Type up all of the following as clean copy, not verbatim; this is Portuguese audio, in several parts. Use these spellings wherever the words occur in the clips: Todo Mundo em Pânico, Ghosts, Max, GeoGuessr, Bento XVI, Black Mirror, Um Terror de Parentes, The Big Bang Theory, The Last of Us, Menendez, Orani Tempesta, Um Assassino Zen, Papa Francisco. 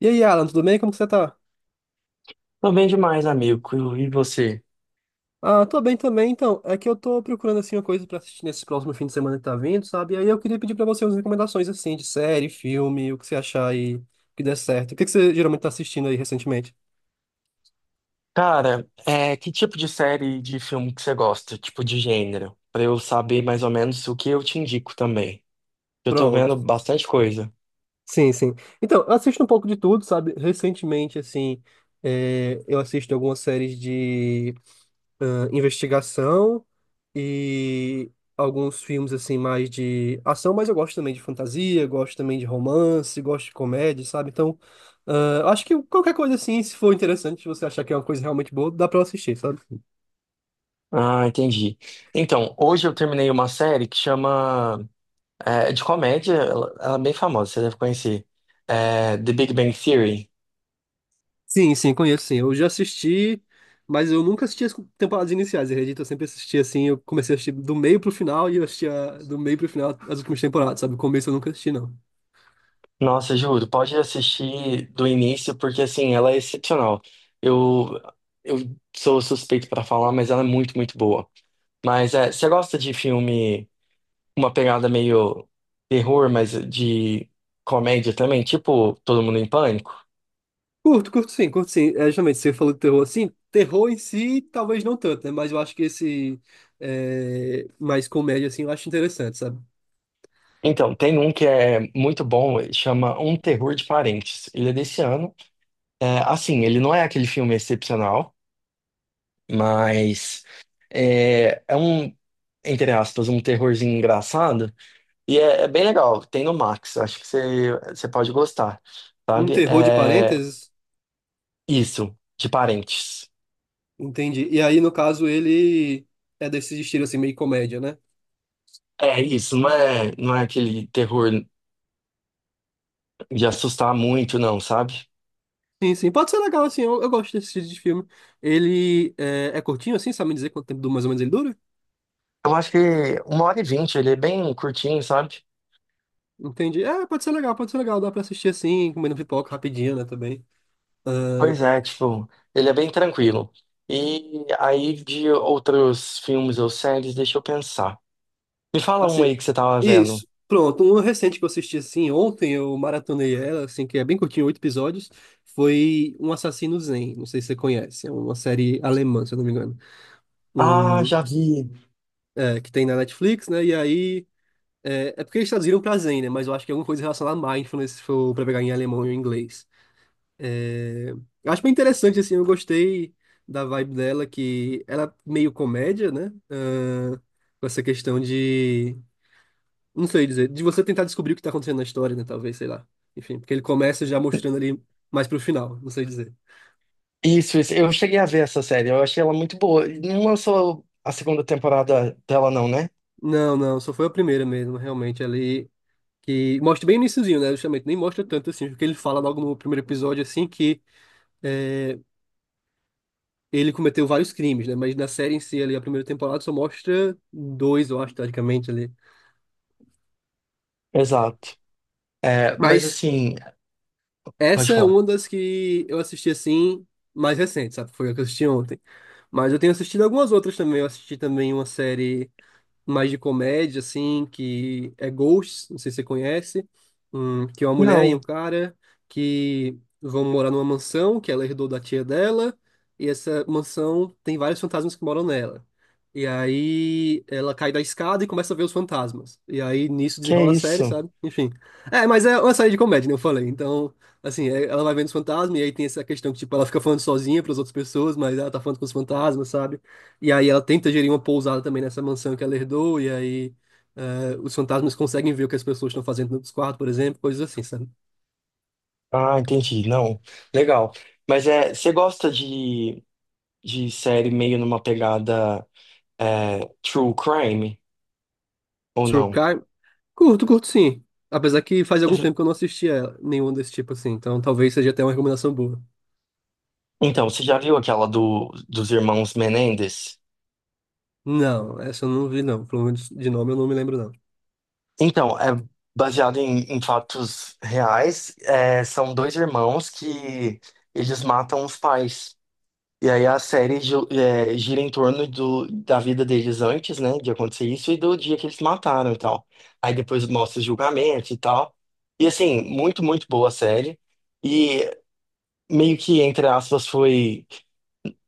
E aí, Alan, tudo bem? Como que você tá? Tô bem demais, amigo. E você? Ah, tô bem também, então. É que eu tô procurando, assim, uma coisa pra assistir nesse próximo fim de semana que tá vindo, sabe? E aí eu queria pedir pra você umas recomendações, assim, de série, filme, o que você achar aí que der certo. O que que você geralmente tá assistindo aí recentemente? Cara, que tipo de série de filme que você gosta? Tipo de gênero? Pra eu saber mais ou menos o que eu te indico também. Eu tô Pronto. vendo bastante coisa. Sim, sim. Então, eu assisto um pouco de tudo, sabe? Recentemente, assim, eu assisto algumas séries de investigação. E alguns filmes assim mais de ação, mas eu gosto também de fantasia, gosto também de romance, gosto de comédia, sabe? Então, acho que qualquer coisa assim, se for interessante, se você achar que é uma coisa realmente boa, dá pra eu assistir, sabe? Ah, entendi. Então, hoje eu terminei uma série que chama... é de comédia, ela é bem famosa, você deve conhecer. The Big Bang Theory. Sim, sim, conheço, sim. Eu já assisti, mas eu nunca assisti as temporadas iniciais, acredito. Eu sempre assisti assim, eu comecei a assistir do meio pro final e eu assistia do meio pro final as últimas temporadas, sabe? O começo eu nunca assisti, não. Nossa, juro, pode assistir do início, porque assim, ela é excepcional. Eu, eu sou suspeito pra falar, mas ela é muito, muito boa. Mas você gosta de filme com uma pegada meio terror, mas de comédia também, tipo Todo Mundo em Pânico? Curto, curto sim, curto sim. É, justamente, você falou de terror, assim, terror em si, talvez não tanto, né? Mas eu acho que esse mais comédia, assim, eu acho interessante, sabe? Então, tem um que é muito bom, chama Um Terror de Parentes. Ele é desse ano. É, assim, ele não é aquele filme excepcional, mas é um, entre aspas, um terrorzinho engraçado. E é bem legal. Tem no Max, acho que você pode gostar, Um sabe? terror de É, parênteses, isso, de parentes. entendi. E aí, no caso, ele é desse estilo, assim, meio comédia, né? É isso, não é aquele terror de assustar muito, não, sabe? Sim, sim, pode ser legal, assim, eu gosto desse estilo de filme. Ele é, é curtinho, assim, sabe me dizer quanto tempo mais ou menos ele dura? Eu acho que 1h20, ele é bem curtinho, sabe? Entendi. É, pode ser legal, dá pra assistir assim, comendo pipoca rapidinho, né, também. Pois é, tipo, ele é bem tranquilo. E aí, de outros filmes ou séries, deixa eu pensar. Me fala um Assim, aí que você tava vendo. isso. Pronto, um recente que eu assisti assim ontem, eu maratonei ela, assim, que é bem curtinho, 8 episódios, foi Um Assassino Zen. Não sei se você conhece, é uma série alemã, se eu não me engano. Ah, um já vi. Que tem na Netflix, né? E aí. É, é porque eles traduziram pra Zen, né? Mas eu acho que é alguma coisa relacionada a mindfulness, se for pra pegar em alemão ou em inglês. É, eu acho bem interessante, assim, eu gostei da vibe dela, que ela é meio comédia, né? Com essa questão de não sei dizer. De você tentar descobrir o que tá acontecendo na história, né? Talvez, sei lá. Enfim, porque ele começa já mostrando ali mais pro final. Não sei dizer. Isso, isso. Eu cheguei a ver essa série, eu achei ela muito boa. E não lançou a segunda temporada dela, não, né? Não, não. Só foi a primeira mesmo, realmente. Ali que mostra bem o iniciozinho, né? Justamente. Nem mostra tanto assim. Porque ele fala logo no primeiro episódio, assim, que é, ele cometeu vários crimes, né? Mas na série em si, ali, a primeira temporada só mostra dois, eu acho, teoricamente ali. Exato. É, mas Mas assim, pode essa é falar. uma das que eu assisti, assim, mais recente, sabe? Foi a que eu assisti ontem. Mas eu tenho assistido algumas outras também. Eu assisti também uma série mais de comédia, assim, que é Ghosts, não sei se você conhece, que é uma mulher e um Não, cara que vão morar numa mansão que ela herdou da tia dela, e essa mansão tem vários fantasmas que moram nela. E aí ela cai da escada e começa a ver os fantasmas. E aí nisso que é desenrola a série, isso? sabe? Enfim. É, mas é uma série de comédia, né? Eu falei. Então, assim, ela vai vendo os fantasmas e aí tem essa questão que, tipo, ela fica falando sozinha para as outras pessoas, mas ela tá falando com os fantasmas, sabe? E aí ela tenta gerir uma pousada também nessa mansão que ela herdou, e aí os fantasmas conseguem ver o que as pessoas estão fazendo nos quartos, por exemplo, coisas assim, sabe? Ah, entendi. Não, legal. Mas você gosta de série meio numa pegada true crime ou não? Surkai, curto, curto sim. Apesar que faz algum Você- tempo que eu não assisti a nenhum desse tipo assim, então talvez seja até uma recomendação boa. Então, você já viu aquela do, dos irmãos Menendez? Não, essa eu não vi não, pelo menos de nome eu não me lembro não. Então, é baseado em, em fatos reais. É, são dois irmãos que eles matam os pais. E aí a série gira em torno do, da vida deles antes, né, de acontecer isso e do dia que eles mataram e tal. Aí depois mostra o julgamento e tal. E assim, muito, muito boa a série. E meio que, entre aspas, foi.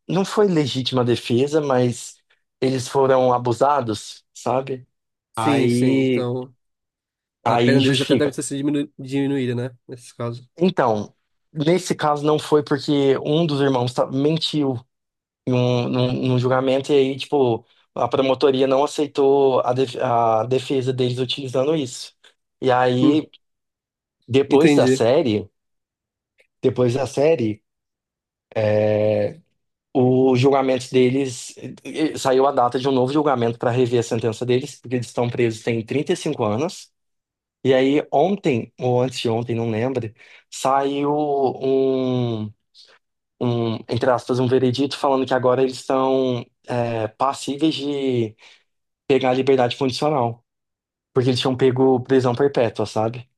Não foi legítima defesa, mas eles foram abusados, sabe? Sim, sim, Aí, então a pena aí deles até deve justifica. ter sido diminuída, né? Nesses casos. Então, nesse caso não foi porque um dos irmãos mentiu num julgamento e aí, tipo, a promotoria não aceitou a, a defesa deles utilizando isso. E Hum, aí, depois da entendi. série, depois da série, o julgamento deles saiu a data de um novo julgamento para rever a sentença deles, porque eles estão presos tem 35 anos. E aí, ontem, ou antes de ontem, não lembro, saiu um, um, entre aspas, um veredito falando que agora eles estão passíveis de pegar a liberdade condicional. Porque eles tinham pego prisão perpétua, sabe?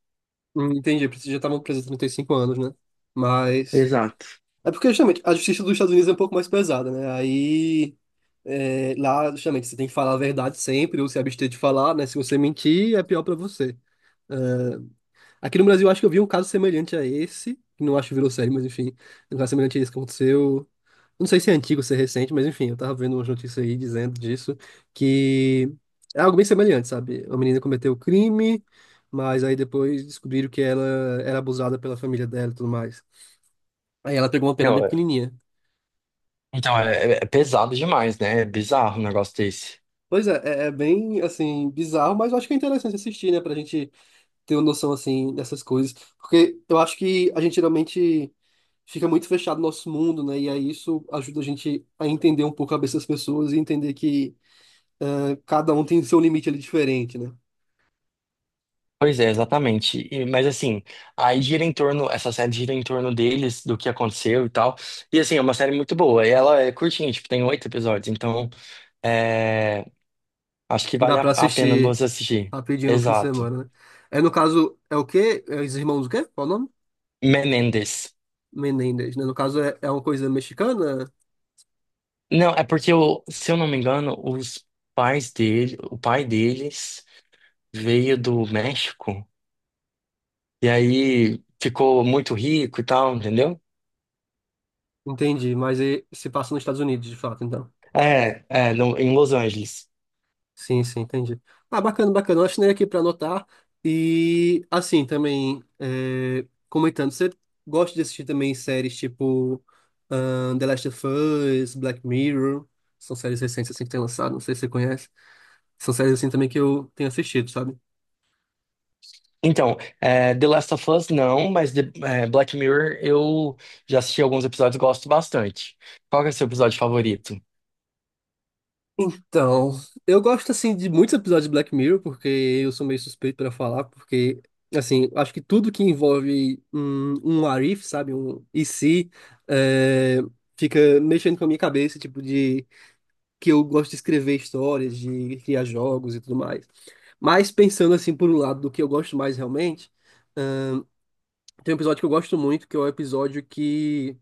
Entendi, porque já estavam presos há 35 anos, né? Mas... Exato. É porque, justamente, a justiça dos Estados Unidos é um pouco mais pesada, né? Aí, é, lá, justamente, você tem que falar a verdade sempre, ou se abster de falar, né? Se você mentir, é pior pra você. É, Aqui no Brasil, eu acho que eu vi um caso semelhante a esse, que não acho que virou série, mas enfim, um caso semelhante a esse que aconteceu. Não sei se é antigo, se é recente, mas enfim, eu tava vendo umas notícias aí dizendo disso, que é algo bem semelhante, sabe? Uma menina cometeu o crime, mas aí depois descobriram que ela era abusada pela família dela e tudo mais. Aí ela pegou uma pena bem Não, é- pequenininha. Então, é pesado demais, né? É bizarro um negócio desse. Pois é, é, é bem, assim, bizarro, mas eu acho que é interessante assistir, né? Pra gente ter uma noção, assim, dessas coisas. Porque eu acho que a gente geralmente fica muito fechado no nosso mundo, né? E aí isso ajuda a gente a entender um pouco a cabeça das pessoas e entender que, né, cada um tem seu limite ali diferente, né? Pois é, exatamente. Mas assim, aí gira em torno, essa série gira em torno deles, do que aconteceu e tal. E assim, é uma série muito boa. E ela é curtinha, tipo, tem 8 episódios. Então, é, acho que Dá vale pra a pena assistir você assistir. rapidinho no fim de Exato. semana, né? É, no caso, é o quê? É os irmãos o quê? Qual o nome? Menendez. Menendez, né? No caso, é, é uma coisa mexicana? Não, é porque, se eu não me engano, o pai deles veio do México. E aí ficou muito rico e tal, entendeu? Entendi, mas é- se passa nos Estados Unidos, de fato, então. Em Los Angeles. Sim, sim, entendi. Ah, bacana, bacana. Eu assinei aqui para anotar. E, assim, também, é, comentando, você gosta de assistir também séries tipo The Last of Us, Black Mirror? São séries recentes, assim, que tem lançado, não sei se você conhece. São séries, assim, também que eu tenho assistido, sabe? Então, é, The Last of Us não, mas Black Mirror eu já assisti alguns episódios e gosto bastante. Qual que é o seu episódio favorito? Então, eu gosto assim de muitos episódios de Black Mirror, porque eu sou meio suspeito para falar, porque assim, acho que tudo que envolve um what if, sabe, um e se, é, fica mexendo com a minha cabeça, tipo de que eu gosto de escrever histórias, de criar jogos e tudo mais. Mas pensando assim por um lado do que eu gosto mais realmente, tem um episódio que eu gosto muito, que é o episódio que.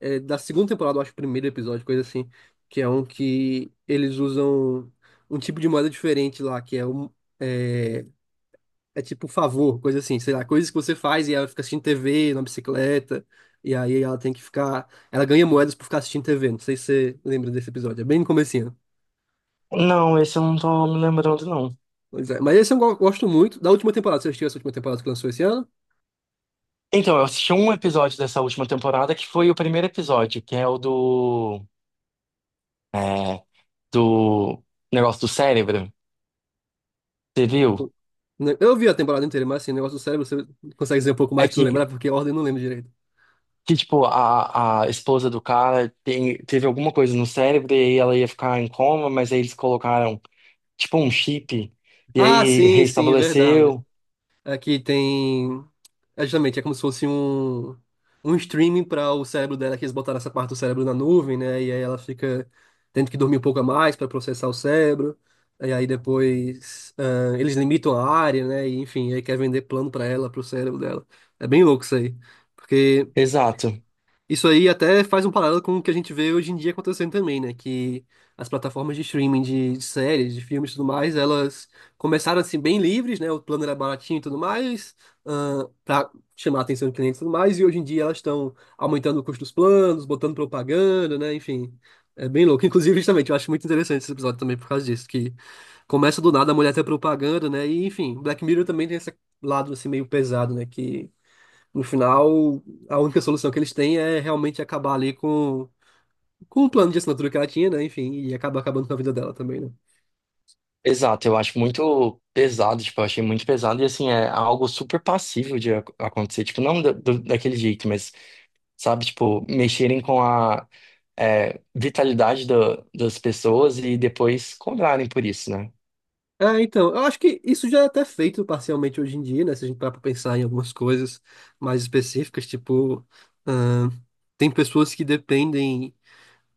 É, da segunda temporada, eu acho, o primeiro episódio, coisa assim. Que é um que eles usam um tipo de moeda diferente lá, que é um. É, É tipo favor, coisa assim, sei lá, coisas que você faz e ela fica assistindo TV na bicicleta, e aí ela tem que ficar. Ela ganha moedas por ficar assistindo TV. Não sei se você lembra desse episódio, é bem no comecinho. Não, esse eu não tô me lembrando, não. Pois é. Mas esse eu gosto muito. Da última temporada, você assistiu essa última temporada que lançou esse ano? Então, eu assisti um episódio dessa última temporada que foi o primeiro episódio, que é o é, do negócio do cérebro. Você viu? Né? Eu vi a temporada inteira, mas assim, o negócio do cérebro, você consegue dizer um pouco É mais pra eu lembrar, que porque a ordem eu não lembro direito. Que, tipo, a esposa do cara teve alguma coisa no cérebro e aí ela ia ficar em coma, mas aí eles colocaram, tipo, um chip e Ah, aí sim, sim, verdade. restabeleceu. Aqui tem. É justamente, é como se fosse um streaming para o cérebro dela, que eles botaram essa parte do cérebro na nuvem, né? E aí ela fica tendo que dormir um pouco a mais para processar o cérebro. E aí depois eles limitam a área, né? E, enfim, aí quer vender plano para ela, para o cérebro dela. É bem louco isso aí. Porque Exato, isso aí até faz um paralelo com o que a gente vê hoje em dia acontecendo também, né? Que as plataformas de streaming de séries, de filmes e tudo mais, elas começaram assim bem livres, né? O plano era baratinho e tudo mais, para chamar a atenção do cliente e tudo mais, e hoje em dia elas estão aumentando o custo dos planos, botando propaganda, né? Enfim, é bem louco. Inclusive, justamente, eu acho muito interessante esse episódio também por causa disso, que começa do nada a mulher ter propaganda, né? E enfim, Black Mirror também tem esse lado assim meio pesado, né? Que no final, a única solução que eles têm é realmente acabar ali com o plano de assinatura que ela tinha, né? Enfim, e acaba acabando com a vida dela também, né? exato. Eu acho muito pesado, tipo, eu achei muito pesado e, assim, é algo super passível de acontecer. Tipo, não da- do- daquele jeito, mas, sabe, tipo, mexerem com a vitalidade das pessoas e depois cobrarem por isso, né? É, então, eu acho que isso já é até feito parcialmente hoje em dia, né? Se a gente parar pra pensar em algumas coisas mais específicas, tipo, ahn, tem pessoas que dependem.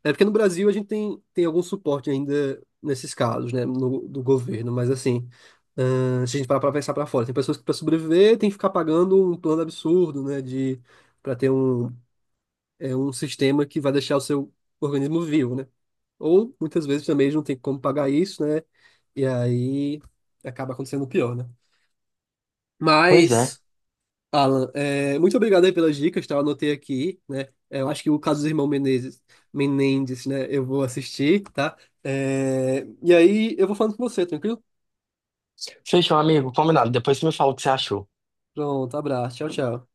É porque no Brasil a gente tem algum suporte ainda nesses casos, né? No, do governo, mas assim. Se a gente parar pra pensar pra fora, tem pessoas que pra sobreviver tem que ficar pagando um plano absurdo, né? De, para ter um é um sistema que vai deixar o seu organismo vivo, né? Ou muitas vezes também eles não tem como pagar isso, né? E aí acaba acontecendo o pior, né? Pois é. Mas, Alan, é, muito obrigado aí pelas dicas, tá? Eu anotei aqui, né? É, eu acho que o caso do irmão Menezes, Menendez, né? Eu vou assistir, tá? É, e aí eu vou falando com você, tranquilo? Fechou, amigo. Combinado. Depois você me fala o que você achou. Pronto, abraço, tchau, tchau.